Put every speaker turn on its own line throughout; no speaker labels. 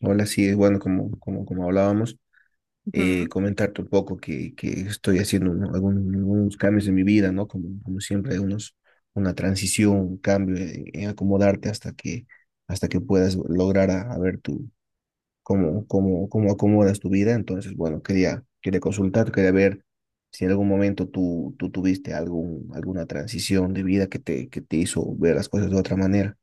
Hola, sí, es bueno, como hablábamos,
Ujú.
comentarte un poco que estoy haciendo, ¿no? Algunos cambios en mi vida, ¿no? Como siempre, una transición, un cambio en acomodarte hasta que puedas lograr a ver tú cómo acomodas tu vida. Entonces, bueno, quería consultar, quería ver si en algún momento tú tuviste alguna transición de vida que te hizo ver las cosas de otra manera.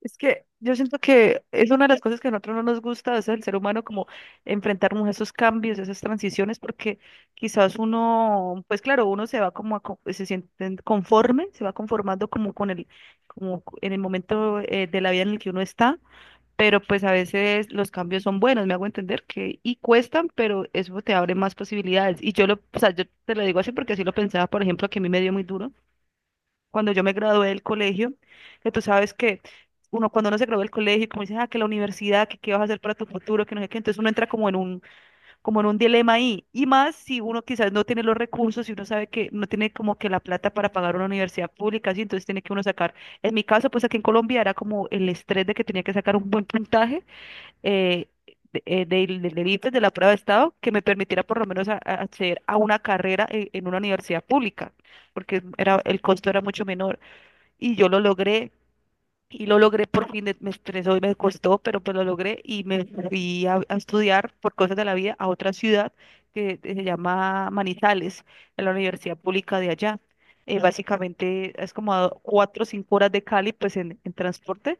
Es que yo siento que es una de las cosas que a nosotros no nos gusta, es el ser humano como enfrentarnos a esos cambios, a esas transiciones, porque quizás uno, pues claro, uno se va como, se siente conforme, se va conformando como con el, como en el momento de la vida en el que uno está, pero pues a veces los cambios son buenos, me hago entender que, y cuestan, pero eso te abre más posibilidades. Y yo lo, o sea, yo te lo digo así porque así lo pensaba, por ejemplo, que a mí me dio muy duro cuando yo me gradué del colegio, que tú sabes que uno cuando uno se gradúa del colegio, como dicen, ah, que la universidad, que qué vas a hacer para tu futuro, que no sé qué, entonces uno entra como en un, dilema ahí, y más si uno quizás no tiene los recursos, si uno sabe que no tiene como que la plata para pagar una universidad pública, así, entonces tiene que uno sacar, en mi caso, pues aquí en Colombia era como el estrés de que tenía que sacar un buen puntaje, eh, del ICFES, de la prueba de estado, que me permitiera por lo menos acceder a una carrera en una universidad pública porque era, el costo era mucho menor y yo lo logré y lo logré por fin, me estresó y me costó, pero pues lo logré y me fui a estudiar por cosas de la vida a otra ciudad que se llama Manizales, en la Universidad Pública de allá. Básicamente es como a 4 o 5 horas de Cali, pues en transporte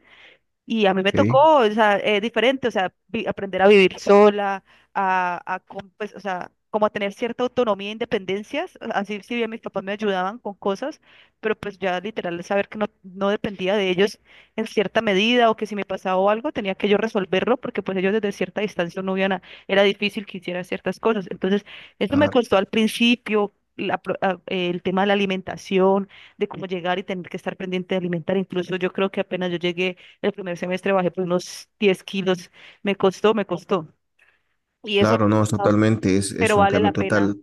y a mí me
Sí,
tocó, o sea, diferente, o sea, aprender a vivir sola, a, pues, o sea, como a tener cierta autonomía e independencias, así si bien mis papás me ayudaban con cosas, pero pues ya literal saber que no, no dependía de ellos en cierta medida o que si me pasaba algo tenía que yo resolverlo porque pues ellos desde cierta distancia no iban era difícil que hiciera ciertas cosas. Entonces, eso me
claro,
costó al principio. El tema de la alimentación, de cómo llegar y tener que estar pendiente de alimentar. Incluso yo creo que apenas yo llegué el primer semestre bajé por unos 10 kilos. Me costó, me costó. Y eso, me
claro,
ha
no, es
costado,
totalmente, es
pero
un
vale
cambio
la pena.
total.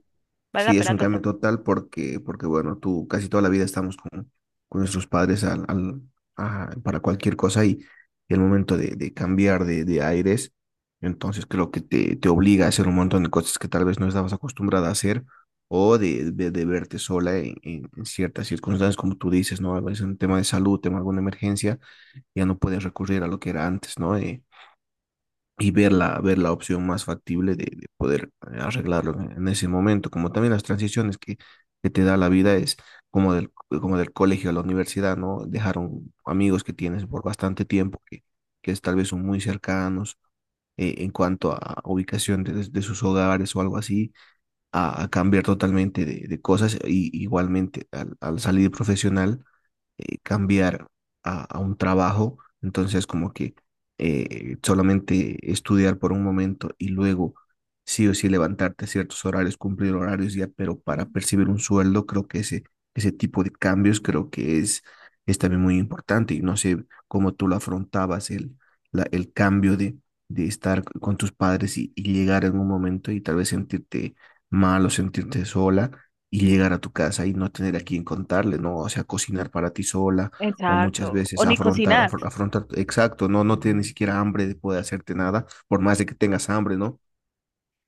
Vale
Sí,
la
es
pena
un
total.
cambio total porque, porque bueno, tú casi toda la vida estamos con nuestros padres para cualquier cosa, y el momento de cambiar de aires, entonces creo que te obliga a hacer un montón de cosas que tal vez no estabas acostumbrada a hacer o de verte sola en ciertas circunstancias, como tú dices, ¿no? A veces un tema de salud, tema de alguna emergencia, ya no puedes recurrir a lo que era antes, ¿no? Y ver la opción más factible de poder, arreglarlo en ese momento, como también que te da la vida, es como del, como del colegio a la universidad, ¿no? Dejaron amigos que tienes por bastante tiempo, que es, tal vez son muy cercanos, en cuanto a ubicación de sus hogares o algo así, a cambiar totalmente de cosas, y igualmente al salir profesional, cambiar a un trabajo, entonces como que solamente estudiar por un momento y luego sí o sí levantarte a ciertos horarios, cumplir horarios ya, pero para percibir un sueldo. Creo que ese tipo de cambios creo que es también muy importante, y no sé cómo tú lo afrontabas, el cambio de estar con tus padres, y llegar en un momento y tal vez sentirte mal o sentirte sola y llegar a tu casa y no tener a quien contarle, ¿no? O sea, cocinar para ti sola, o
Exacto.
muchas
O
veces
ni
afrontar,
cocinar.
afrontar, exacto, no, no tienes ni siquiera hambre de poder hacerte nada, por más de que tengas hambre, ¿no?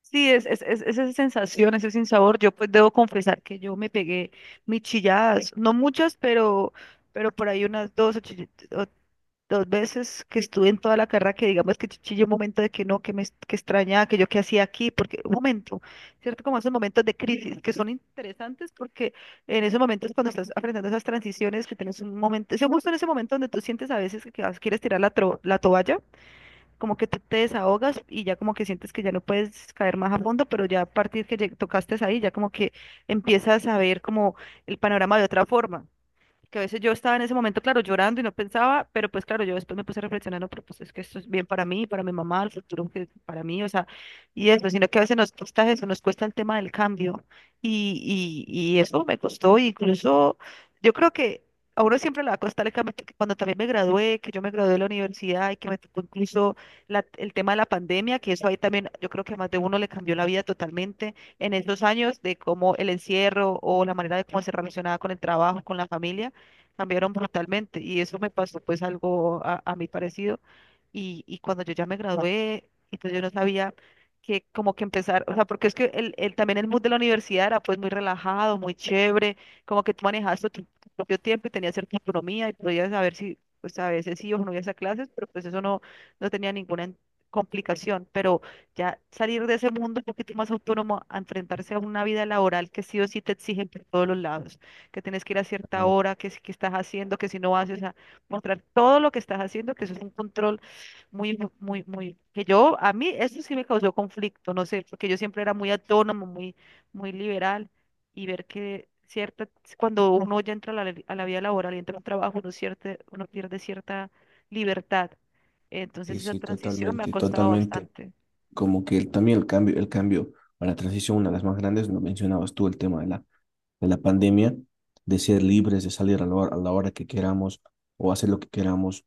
Sí, es, es esa sensación, ese sinsabor. Yo pues debo confesar que yo me pegué mis chilladas. No muchas, pero por ahí unas dos o, dos veces que estuve en toda la carrera que digamos que chillé un momento de que no, que que extrañaba, que yo qué hacía aquí, porque un momento, ¿cierto? Como esos momentos de crisis que son interesantes porque en esos momentos cuando estás aprendiendo esas transiciones, que tienes un momento, es justo en ese momento donde tú sientes a veces que quieres tirar la, la toalla, como que tú te desahogas y ya como que sientes que ya no puedes caer más a fondo, pero ya a partir que tocaste ahí, ya como que empiezas a ver como el panorama de otra forma que a veces yo estaba en ese momento, claro, llorando y no pensaba, pero pues claro, yo después me puse reflexionando pero pues es que esto es bien para mí, para mi mamá, el futuro que para mí, o sea, y eso, sino que a veces nos cuesta eso, nos cuesta el tema del cambio y eso me costó, y incluso yo creo que a uno siempre le va a costar el cambio, porque cuando también me gradué, que yo me gradué de la universidad y que me tocó incluso el tema de la pandemia, que eso ahí también yo creo que a más de uno le cambió la vida totalmente en esos años de cómo el encierro o la manera de cómo se relacionaba con el trabajo, con la familia cambiaron brutalmente y eso me pasó pues algo a mí parecido y cuando yo ya me gradué, entonces yo no sabía que como que empezar, o sea, porque es que el, también el mood de la universidad era pues muy relajado, muy chévere, como que tú manejabas tu, tu propio tiempo y tenías cierta autonomía y podías saber si, pues a veces sí o no ibas a clases, pero pues eso no, no tenía ninguna complicación, pero ya salir de ese mundo un poquito más autónomo a enfrentarse a una vida laboral que sí o sí te exigen por todos los lados que tienes que ir a cierta
Totalmente.
hora, que si que estás haciendo, que si no haces, o sea, mostrar todo lo que estás haciendo, que eso es un control muy, que yo, a mí, eso sí me causó conflicto, no sé, porque yo siempre era muy autónomo, muy, muy liberal, y ver que cierta, cuando uno ya entra a la vida laboral y entra a un trabajo, uno, cierta, uno pierde cierta libertad.
Sí,
Entonces esa
sí,
transición me ha
totalmente,
costado
totalmente.
bastante.
Como que también el cambio a la transición, una de las más grandes, lo mencionabas tú, el tema de la pandemia, de ser libres, de salir a la hora que queramos o hacer lo que queramos,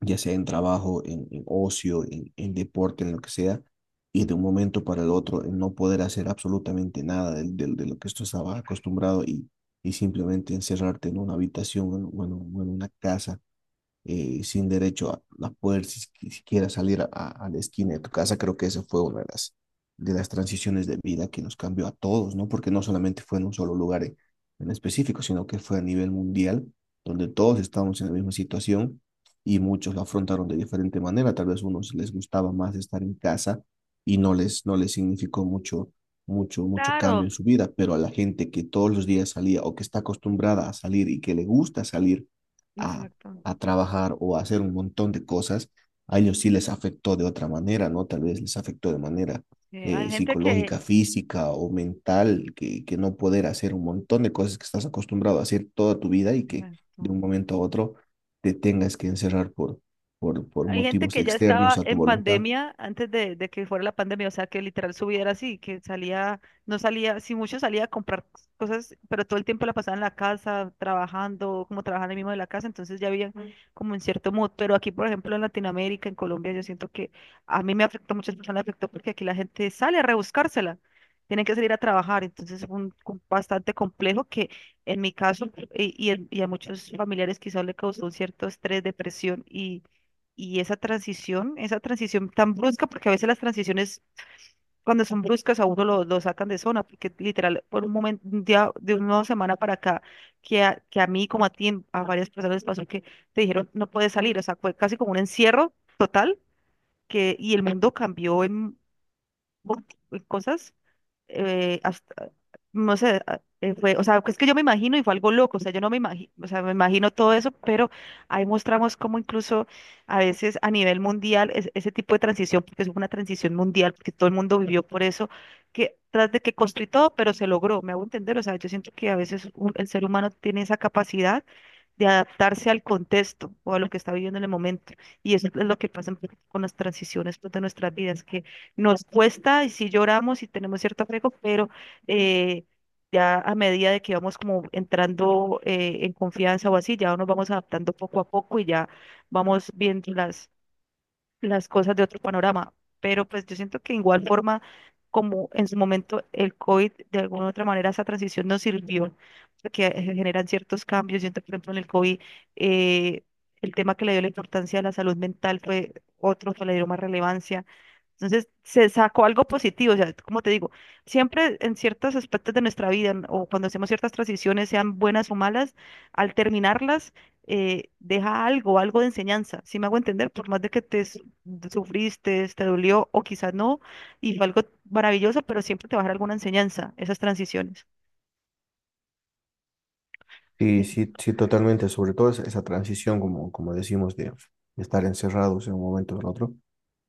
ya sea en trabajo, en ocio, en deporte, en lo que sea, y
Mm.
de un momento para el otro en no poder hacer absolutamente nada de lo que tú estabas acostumbrado, y simplemente encerrarte en una habitación o en una casa, sin derecho a poder siquiera salir la esquina de tu casa. Creo que esa fue una de las transiciones de vida que nos cambió a todos, ¿no? Porque no solamente fue en un solo lugar en específico, sino que fue a nivel mundial, donde todos estábamos en la misma situación y muchos la afrontaron de diferente manera. Tal vez a unos les gustaba más estar en casa y no les significó mucho. Mucho, mucho cambio
Claro.
en su vida, pero a la gente que todos los días salía o que está acostumbrada a salir y que le gusta salir, a,
Exacto.
a trabajar o a hacer un montón de cosas, a ellos sí les afectó de otra manera, ¿no? Tal vez les afectó de manera
Sí, hay gente que...
psicológica, física o mental, que no poder hacer un montón de cosas que estás acostumbrado a hacer toda tu vida y que de
Exacto.
un momento a otro te tengas que encerrar por
Hay gente
motivos
que ya
externos
estaba
a tu
en
voluntad.
pandemia antes de que fuera la pandemia, o sea, que literal su vida era así, que salía, no salía, si mucho salía a comprar cosas, pero todo el tiempo la pasaba en la casa, trabajando, como trabajando ahí mismo de la casa, entonces ya había mm como un cierto mood, pero aquí, por ejemplo, en Latinoamérica, en Colombia, yo siento que a mí me afectó, a muchas personas me afectó porque aquí la gente sale a rebuscársela, tienen que salir a trabajar, entonces es un bastante complejo que en mi caso y, y a muchos familiares quizás le causó un cierto estrés, depresión y esa transición tan brusca, porque a veces las transiciones cuando son bruscas a uno lo sacan de zona, porque literal, por un momento, un día, de una semana para acá, que a mí como a ti, a varias personas les pasó que te dijeron no puedes salir, o sea, fue casi como un encierro total, y el mundo cambió en cosas hasta, no sé, fue, o sea, es que yo me imagino y fue algo loco, o sea, yo no me imagino, o sea, me imagino todo eso, pero ahí mostramos cómo incluso a veces a nivel mundial ese tipo de transición, porque es una transición mundial, porque todo el mundo vivió por eso, que tras de que construí todo, pero se logró, me hago entender, o sea, yo siento que a veces el ser humano tiene esa capacidad de adaptarse al contexto o a lo que está viviendo en el momento. Y eso es lo que pasa un poco con las transiciones pues, de nuestras vidas, que nos cuesta y sí lloramos y tenemos cierto apego, pero eh, ya a medida de que vamos como entrando en confianza o así, ya nos vamos adaptando poco a poco y ya vamos viendo las cosas de otro panorama, pero pues yo siento que de igual forma, como en su momento el COVID, de alguna u otra manera esa transición nos sirvió, porque generan ciertos cambios. Siento que, por ejemplo, en el COVID, eh, el tema que le dio la importancia a la salud mental fue otro que le dio más relevancia. Entonces, se sacó algo positivo, o sea, como te digo, siempre en ciertos aspectos de nuestra vida o cuando hacemos ciertas transiciones, sean buenas o malas, al terminarlas, deja algo, algo de enseñanza, si me hago entender, por más de que te sufriste, te dolió o quizás no, y fue algo maravilloso, pero siempre te va a dar alguna enseñanza, esas transiciones.
Sí, sí, sí, totalmente, sobre todo esa, esa transición, como, como decimos, de estar encerrados en un momento al otro,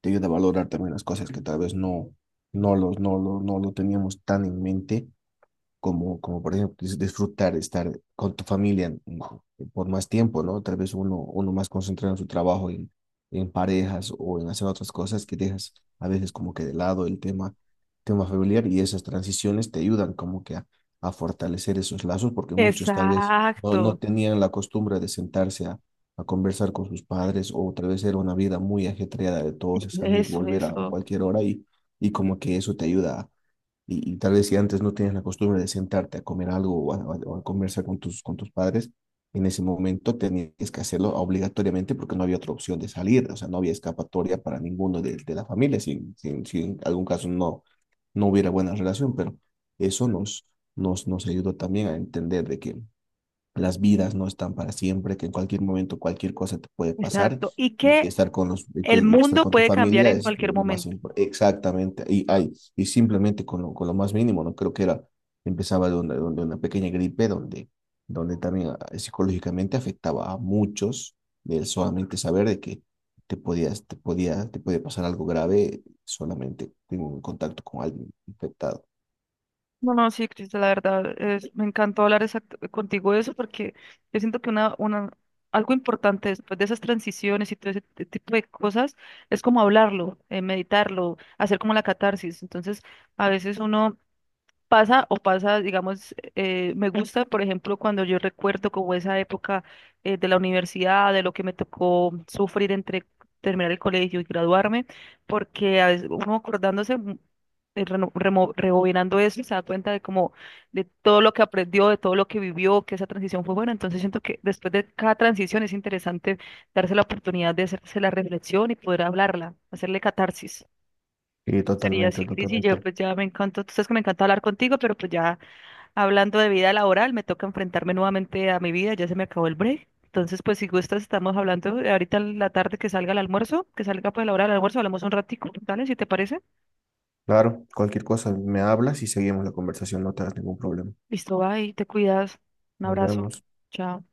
te ayuda a valorar también las cosas que tal vez no lo teníamos tan en mente, como, como por ejemplo disfrutar, estar con tu familia, mm, por más tiempo, ¿no? Tal vez uno más concentrado en su trabajo, en parejas o en hacer otras cosas que dejas a veces como que de lado tema familiar, y esas transiciones te ayudan como que a fortalecer esos lazos porque muchos tal vez no
Exacto,
tenían la costumbre de sentarse a conversar con sus padres, o tal vez era una vida muy ajetreada de todos, de salir,
eso,
volver a
eso,
cualquier hora, y como que eso te ayuda a, y tal vez si antes no tenías la costumbre de sentarte a comer algo o a conversar con tus padres, en ese momento tenías que hacerlo obligatoriamente porque no había otra opción de salir, o sea, no había escapatoria para ninguno de la familia, si, si en algún caso no, no hubiera buena relación, pero eso nos ayudó también a entender de que las vidas no están para siempre, que en cualquier momento cualquier cosa te puede pasar.
exacto. Y que
Y
el
que estar
mundo
con tu
puede cambiar
familia
en
es,
cualquier
lo más
momento.
importante. Exactamente, y simplemente con lo más mínimo, ¿no? Creo que era, empezaba de una pequeña gripe donde, donde también, ah, psicológicamente afectaba a muchos el solamente saber de que te podías, te podía, te puede pasar algo grave solamente en un contacto con alguien infectado.
No, no, sí, Crista, la verdad, me encantó hablar contigo de eso porque yo siento que una, algo importante después de esas transiciones y todo ese tipo de cosas es como hablarlo, meditarlo, hacer como la catarsis. Entonces, a veces uno pasa o pasa, digamos, me gusta, por ejemplo, cuando yo recuerdo como esa época de la universidad, de lo que me tocó sufrir entre terminar el colegio y graduarme, porque a veces uno acordándose, rebobinando eso, se da cuenta de como de todo lo que aprendió, de todo lo que vivió, que esa transición fue buena. Entonces siento que después de cada transición es interesante darse la oportunidad de hacerse la reflexión y poder hablarla, hacerle catarsis.
Y
Sería
totalmente,
así, Cris, y yo
totalmente.
pues ya me encantó, tú sabes que me encanta hablar contigo, pero pues ya hablando de vida laboral, me toca enfrentarme nuevamente a mi vida, ya se me acabó el break. Entonces, pues si gustas, estamos hablando ahorita en la tarde que salga el almuerzo, que salga pues la hora del almuerzo, hablamos un ratico, ¿vale? Si te parece.
Claro, cualquier cosa me hablas y seguimos la conversación, no te hagas ningún problema.
Listo, bye, te cuidas. Un
Nos
abrazo.
vemos.
Chao.